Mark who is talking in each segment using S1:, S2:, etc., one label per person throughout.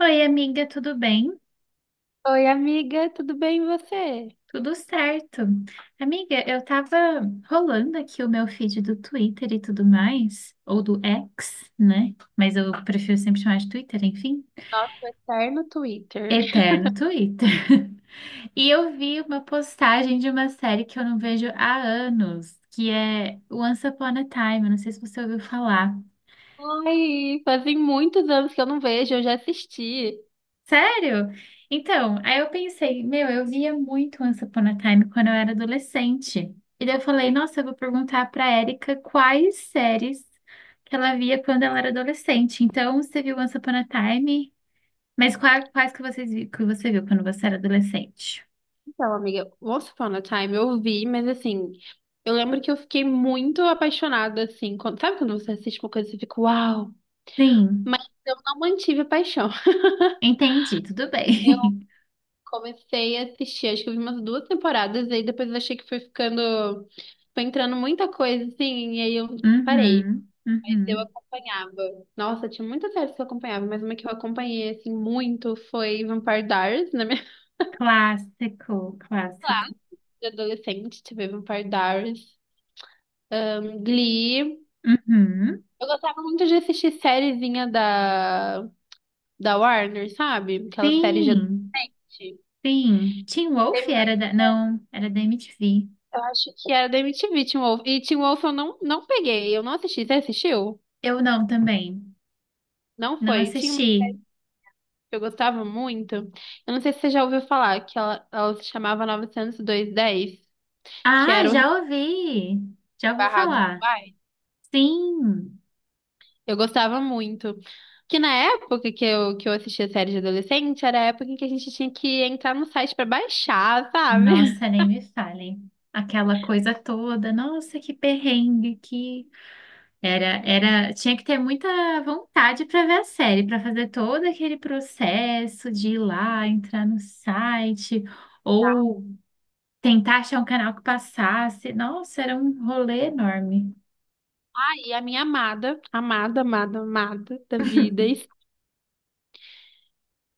S1: Oi, amiga, tudo bem?
S2: Oi, amiga, tudo bem e você?
S1: Tudo certo. Amiga, eu tava rolando aqui o meu feed do Twitter e tudo mais, ou do X, né? Mas eu prefiro sempre chamar de Twitter, enfim.
S2: Nossa, o eterno Twitter.
S1: Eterno Twitter. E eu vi uma postagem de uma série que eu não vejo há anos, que é Once Upon a Time, eu não sei se você ouviu falar.
S2: Ai, fazem muitos anos que eu não vejo, eu já assisti.
S1: Sério? Então, aí eu pensei, meu, eu via muito Once Upon a Time quando eu era adolescente. E daí eu falei, nossa, eu vou perguntar pra Érica quais séries que ela via quando ela era adolescente. Então, você viu Once Upon a Time, mas quais, que que você viu quando você era adolescente?
S2: Então, amiga, Once Upon a Time eu vi, mas assim, eu lembro que eu fiquei muito apaixonada, assim, sabe quando você assiste uma coisa e você fica, uau!
S1: Sim,
S2: Mas eu não mantive a paixão.
S1: entendi, tudo
S2: Eu
S1: bem.
S2: comecei a assistir, acho que eu vi umas duas temporadas, e aí depois eu achei que foi ficando, foi entrando muita coisa, assim, e aí eu parei.
S1: Uhum,
S2: Mas eu
S1: uhum.
S2: acompanhava. Nossa, tinha muitas séries que eu acompanhava, mas uma que eu acompanhei, assim, muito foi Vampire Diaries, na minha
S1: Clássico,
S2: Lá,
S1: clássico.
S2: de adolescente, tive Vampire Diaries, Glee.
S1: Uhum.
S2: Eu gostava muito de assistir sériezinha da Warner, sabe? Aquela série de
S1: Sim.
S2: adolescente.
S1: Sim, Teen Wolf
S2: Teve uma,
S1: era da... Não, era da MTV.
S2: eu acho que era da MTV, Teen Wolf. E Teen Wolf eu não peguei, eu não assisti. Você assistiu?
S1: Eu não também.
S2: Não
S1: Não
S2: foi. Tinha uma série
S1: assisti.
S2: que eu gostava muito. Eu não sei se você já ouviu falar, que ela se chamava 90210, que
S1: Ah,
S2: era o
S1: já ouvi. Já ouvi
S2: Barrado do
S1: falar.
S2: Pai.
S1: Sim.
S2: Eu gostava muito. Que na época que eu assistia série de adolescente, era a época em que a gente tinha que entrar no site pra baixar, sabe?
S1: Nossa, nem me fale. Aquela coisa toda. Nossa, que perrengue que era, tinha que ter muita vontade para ver a série, para fazer todo aquele processo de ir lá, entrar no site ou tentar achar um canal que passasse. Nossa, era um rolê enorme.
S2: Aí a minha amada, amada, amada, amada da vida,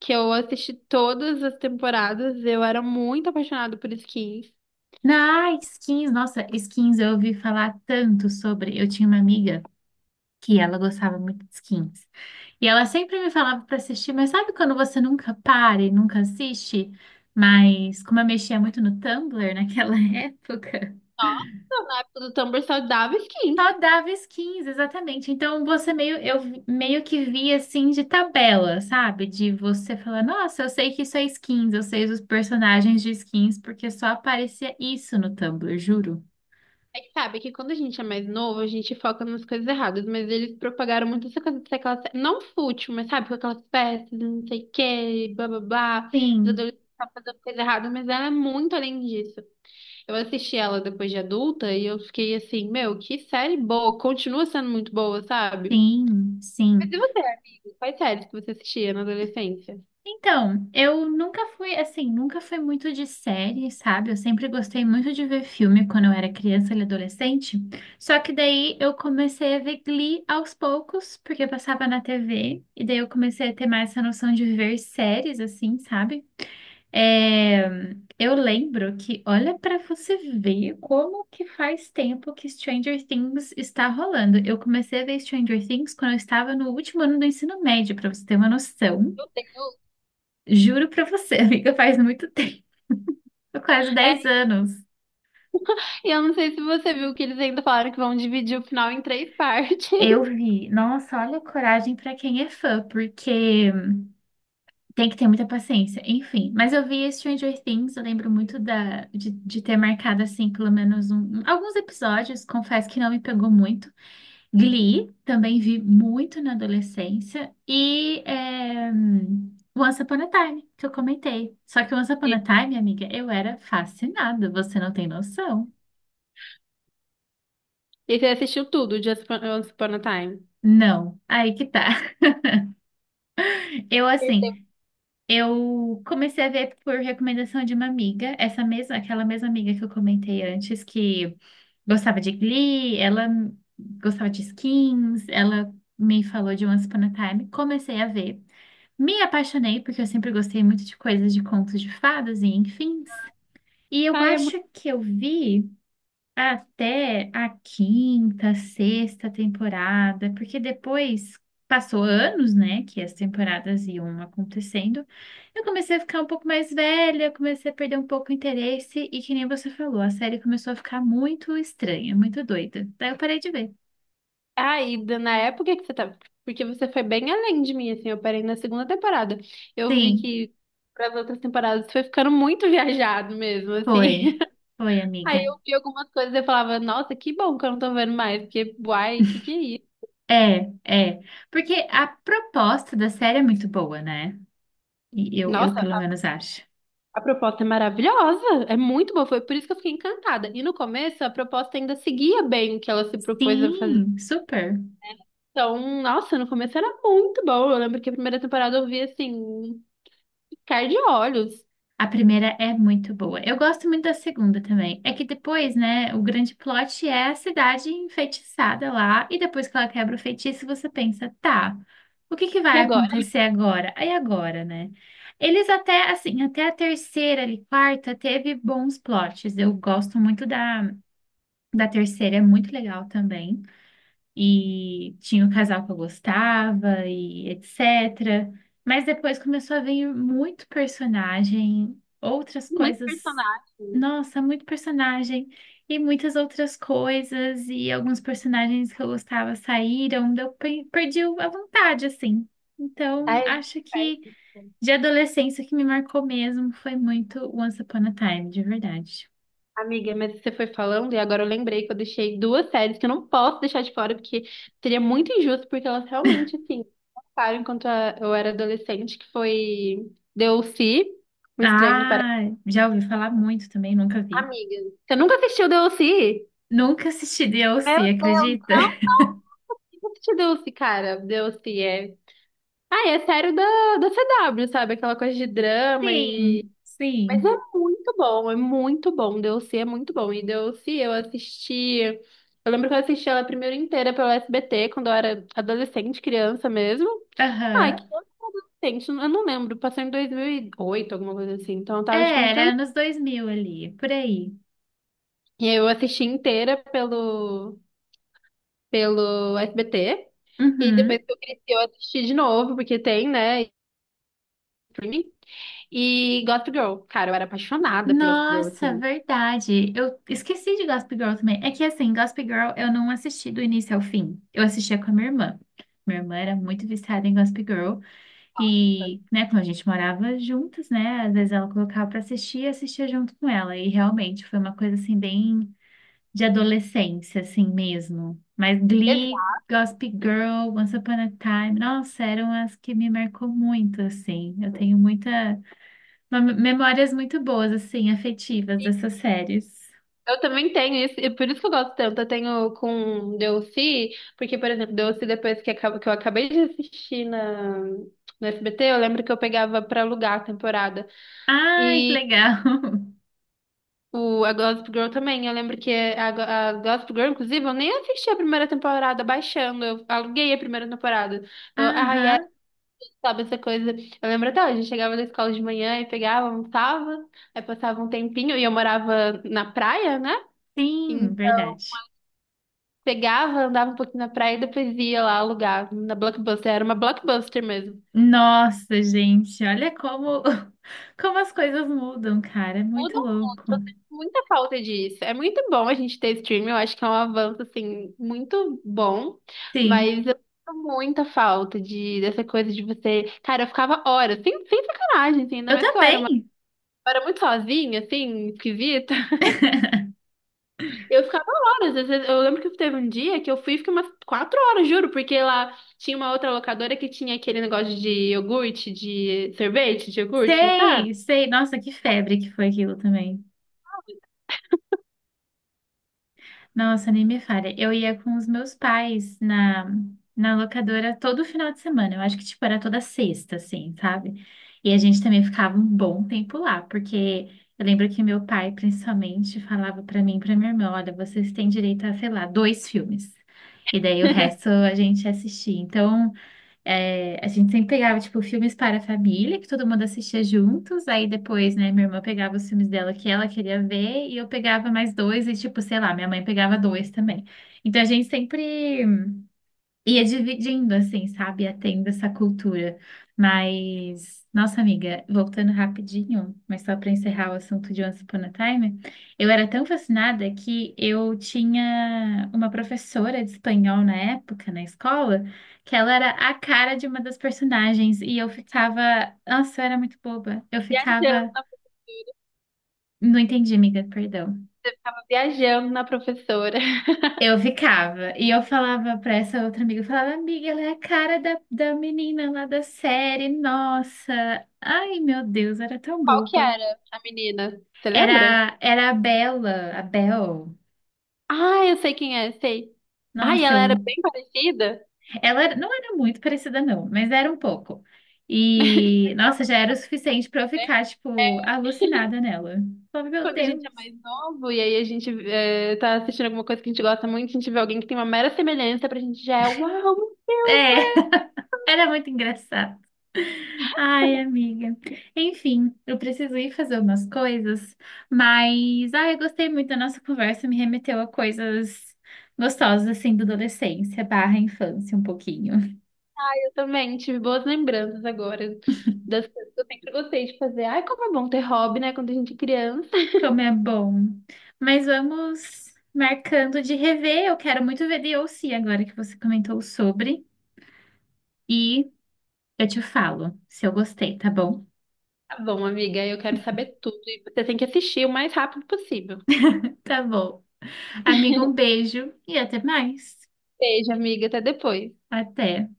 S2: que eu assisti todas as temporadas, eu era muito apaixonada por skins.
S1: Na skins, nossa, skins eu ouvi falar tanto sobre. Eu tinha uma amiga que ela gostava muito de skins. E ela sempre me falava para assistir, mas sabe quando você nunca para e nunca assiste? Mas como eu mexia muito no Tumblr naquela época,
S2: Nossa, na época do Tumblr só dava skins.
S1: só dava skins, exatamente. Então você meio, meio que via assim de tabela, sabe? De você falar, nossa, eu sei que isso é skins, eu sei os personagens de skins, porque só aparecia isso no Tumblr, juro.
S2: É que sabe que quando a gente é mais novo, a gente foca nas coisas erradas, mas eles propagaram muito essa coisa de ser aquela, não fútil, mas sabe, com aquelas peças, não sei o quê, blá blá blá, os
S1: Sim.
S2: adolescentes estão fazendo coisa errada, mas ela é muito além disso. Eu assisti ela depois de adulta e eu fiquei assim, meu, que série boa, continua sendo muito boa, sabe?
S1: Sim,
S2: Mas
S1: sim.
S2: e você, amigo? Quais séries que você assistia na adolescência?
S1: Então, eu nunca fui, assim, nunca fui muito de série, sabe? Eu sempre gostei muito de ver filme quando eu era criança e adolescente. Só que daí eu comecei a ver Glee aos poucos, porque eu passava na TV, e daí eu comecei a ter mais essa noção de ver séries, assim, sabe? É, eu lembro que, olha para você ver como que faz tempo que Stranger Things está rolando. Eu comecei a ver Stranger Things quando eu estava no último ano do ensino médio, para você ter uma noção.
S2: Eu tenho.
S1: Juro para você, amiga, faz muito tempo, quase 10
S2: É,
S1: anos.
S2: e eu não sei se você viu que eles ainda falaram que vão dividir o final em três partes.
S1: Eu vi. Nossa, olha a coragem para quem é fã, porque tem que ter muita paciência. Enfim, mas eu vi Stranger Things, eu lembro muito de ter marcado assim, pelo menos alguns episódios. Confesso que não me pegou muito. Glee, também vi muito na adolescência. E é, Once Upon a Time, que eu comentei. Só que Once Upon a Time, amiga, eu era fascinada, você não tem noção.
S2: E você assistiu tudo, Just Upon Once Upon a Time.
S1: Não, aí que tá. Eu,
S2: Perdeu.
S1: assim, eu comecei a ver por recomendação de uma amiga, essa mesma, aquela mesma amiga que eu comentei antes, que gostava de Glee, ela gostava de Skins, ela me falou de Once Upon a Time, comecei a ver. Me apaixonei porque eu sempre gostei muito de coisas de contos de fadas e enfim. E eu
S2: Ai, é muito.
S1: acho que eu vi até a quinta, sexta temporada, porque depois passou anos, né, que as temporadas iam acontecendo. Eu comecei a ficar um pouco mais velha, comecei a perder um pouco o interesse e que nem você falou, a série começou a ficar muito estranha, muito doida. Daí eu parei de ver.
S2: Ai, na época que você tava. Porque você foi bem além de mim, assim. Eu parei na segunda temporada. Eu vi
S1: Sim,
S2: que para as outras temporadas foi ficando muito viajado mesmo,
S1: foi.
S2: assim.
S1: Foi,
S2: Aí
S1: amiga.
S2: eu vi algumas coisas e eu falava, nossa, que bom que eu não tô vendo mais. Porque, uai, que é isso?
S1: É, é. Porque a proposta da série é muito boa, né? E eu
S2: Nossa,
S1: pelo
S2: a
S1: menos acho.
S2: a proposta é maravilhosa. É muito boa. Foi por isso que eu fiquei encantada. E no começo, a proposta ainda seguia bem o que ela se propôs a fazer.
S1: Sim, super.
S2: Então, nossa, no começo era muito bom. Eu lembro que a primeira temporada eu vi assim, ficar de olhos.
S1: A primeira é muito boa. Eu gosto muito da segunda também. É que depois, né, o grande plot é a cidade enfeitiçada lá, e depois que ela quebra o feitiço, você pensa, tá, o que que
S2: E
S1: vai
S2: agora?
S1: acontecer agora? Aí agora, né? Eles até, assim, até a terceira ali, quarta, teve bons plots. Eu gosto muito da terceira, é muito legal também. E tinha o casal que eu gostava e etc. Mas depois começou a vir muito personagem, outras
S2: Muitos
S1: coisas.
S2: personagens.
S1: Nossa, muito personagem e muitas outras coisas e alguns personagens que eu gostava saíram, daí eu perdi a vontade assim.
S2: Ai,
S1: Então, acho
S2: a gente
S1: que
S2: perde isso.
S1: de adolescência o que me marcou mesmo foi muito Once Upon a Time, de verdade.
S2: Amiga, mas você foi falando e agora eu lembrei que eu deixei duas séries que eu não posso deixar de fora, porque seria muito injusto, porque elas realmente, assim, passaram enquanto eu era adolescente, que foi DLC, Um Estranho no Paraíso.
S1: Ah, já ouvi falar muito também, nunca vi.
S2: Amiga, você nunca assistiu DLC?
S1: Nunca assisti
S2: Meu
S1: DLC,
S2: Deus,
S1: acredita?
S2: não? Por que nunca assistiu DLC, cara. DLC é, ah, é sério da CW, sabe? Aquela coisa de drama e.
S1: Sim,
S2: Mas é
S1: sim.
S2: muito bom, é muito bom. Deus se é muito bom. E Deus se eu assisti. Eu lembro que eu assisti ela primeiro inteira pelo SBT, quando eu era adolescente, criança mesmo. Ai, que
S1: Aham.
S2: adolescente, eu não lembro. Passou em 2008, alguma coisa assim. Então eu tava, tipo,
S1: É, era
S2: entrando.
S1: anos 2000 ali, por aí.
S2: E aí eu assisti inteira pelo SBT. E aí depois
S1: Uhum.
S2: que eu cresci, eu assisti de novo, porque tem, né? Streaming. E Gossip Girl, cara, eu era apaixonada por Gossip Girl,
S1: Nossa,
S2: assim.
S1: verdade. Eu esqueci de Gossip Girl também. É que assim, Gossip Girl eu não assisti do início ao fim. Eu assistia com a minha irmã. Minha irmã era muito viciada em Gossip Girl
S2: Nossa.
S1: e, né, quando a gente morava juntas, né, às vezes ela colocava pra assistir e assistia junto com ela. E realmente foi uma coisa assim bem de adolescência, assim mesmo. Mas Glee,
S2: Exato.
S1: Gossip Girl, Once Upon a Time, nossa, eram as que me marcou muito, assim. Eu tenho muita, memórias muito boas, assim, afetivas dessas séries.
S2: Eu também tenho isso, e por isso que eu gosto tanto. Eu tenho com Deussi, porque, por exemplo, Deussi, depois que que eu acabei de assistir no SBT, eu lembro que eu pegava pra alugar a temporada.
S1: Ai, que
S2: E
S1: legal!
S2: a Gossip Girl também. Eu lembro que a Gossip Girl, inclusive, eu nem assisti a primeira temporada baixando, eu aluguei a primeira temporada. Eu, ai,
S1: Aham,
S2: sabe essa coisa? Eu lembro até hoje, eu chegava da escola de manhã e pegava, almoçava, aí passava um tempinho e eu morava na praia, né? E
S1: sim, verdade.
S2: pegava, andava um pouquinho na praia e depois ia lá alugar na Blockbuster. Era uma Blockbuster mesmo.
S1: Nossa, gente, olha como, como as coisas mudam, cara, é muito
S2: Mudam muito,
S1: louco.
S2: eu sinto muita falta disso. É muito bom a gente ter streaming, eu acho que é um avanço, assim, muito bom,
S1: Sim,
S2: mas eu sinto muita falta dessa coisa de você. Cara, eu ficava horas, sem sacanagem, assim, ainda
S1: eu
S2: mais que eu era uma.
S1: também.
S2: Eu era muito sozinha, assim, esquisita. Eu ficava horas. Eu lembro que teve um dia que eu fui e fiquei umas 4 horas, juro, porque lá tinha uma outra locadora que tinha aquele negócio de iogurte, de sorvete, de iogurte, sabe?
S1: Sei, sei, nossa, que febre que foi aquilo também. Nossa, nem me falha. Eu ia com os meus pais na locadora todo final de semana. Eu acho que, tipo, era toda sexta, assim, sabe? E a gente também ficava um bom tempo lá, porque eu lembro que meu pai, principalmente, falava pra mim e pra minha irmã, olha, vocês têm direito a, sei lá, dois filmes. E daí o resto a gente assistia. Então, é, a gente sempre pegava, tipo, filmes para a família, que todo mundo assistia juntos. Aí depois, né, minha irmã pegava os filmes dela que ela queria ver, e eu pegava mais dois, e, tipo, sei lá, minha mãe pegava dois também. Então a gente sempre ia dividindo, assim, sabe? Ia tendo essa cultura. Mas, nossa amiga, voltando rapidinho, mas só para encerrar o assunto de Once Upon a Time, eu era tão fascinada que eu tinha uma professora de espanhol na época, na escola, que ela era a cara de uma das personagens e eu ficava, nossa, eu era muito boba. Eu
S2: Viajando,
S1: ficava,
S2: na-
S1: não entendi, amiga, perdão.
S2: eu ficava viajando na professora.
S1: Eu ficava, e eu falava pra essa outra amiga, eu falava, amiga, ela é a cara da menina lá da série, nossa, ai meu Deus, era tão
S2: Qual que
S1: boba.
S2: era a menina? Você lembra?
S1: Era a Bella, a Bel,
S2: Ah, eu sei quem é, sei. Ah, e
S1: nossa,
S2: ela era
S1: eu,
S2: bem parecida,
S1: não era muito parecida não, mas era um pouco. E, nossa, já era o suficiente pra eu
S2: né?
S1: ficar, tipo,
S2: É,
S1: alucinada nela. Falava, meu
S2: quando a gente é
S1: Deus.
S2: mais novo e aí a gente tá assistindo alguma coisa que a gente gosta muito, a gente vê alguém que tem uma mera semelhança pra gente já é, uau.
S1: É, era muito engraçado. Ai, amiga. Enfim, eu preciso ir fazer umas coisas, mas ai, eu gostei muito da nossa conversa, me remeteu a coisas gostosas assim da adolescência barra infância um pouquinho.
S2: Também tive boas lembranças agora das coisas que eu sempre gostei de fazer. Ai, como é bom ter hobby, né? Quando a gente é criança.
S1: Como é bom. Mas vamos marcando de rever. Eu quero muito ver Beyoncé agora que você comentou sobre. E eu te falo se eu gostei, tá bom?
S2: Tá bom, amiga, eu quero saber tudo e você tem que assistir o mais rápido possível.
S1: Tá bom. Amiga, um beijo e até mais.
S2: Beijo, amiga, até depois.
S1: Até.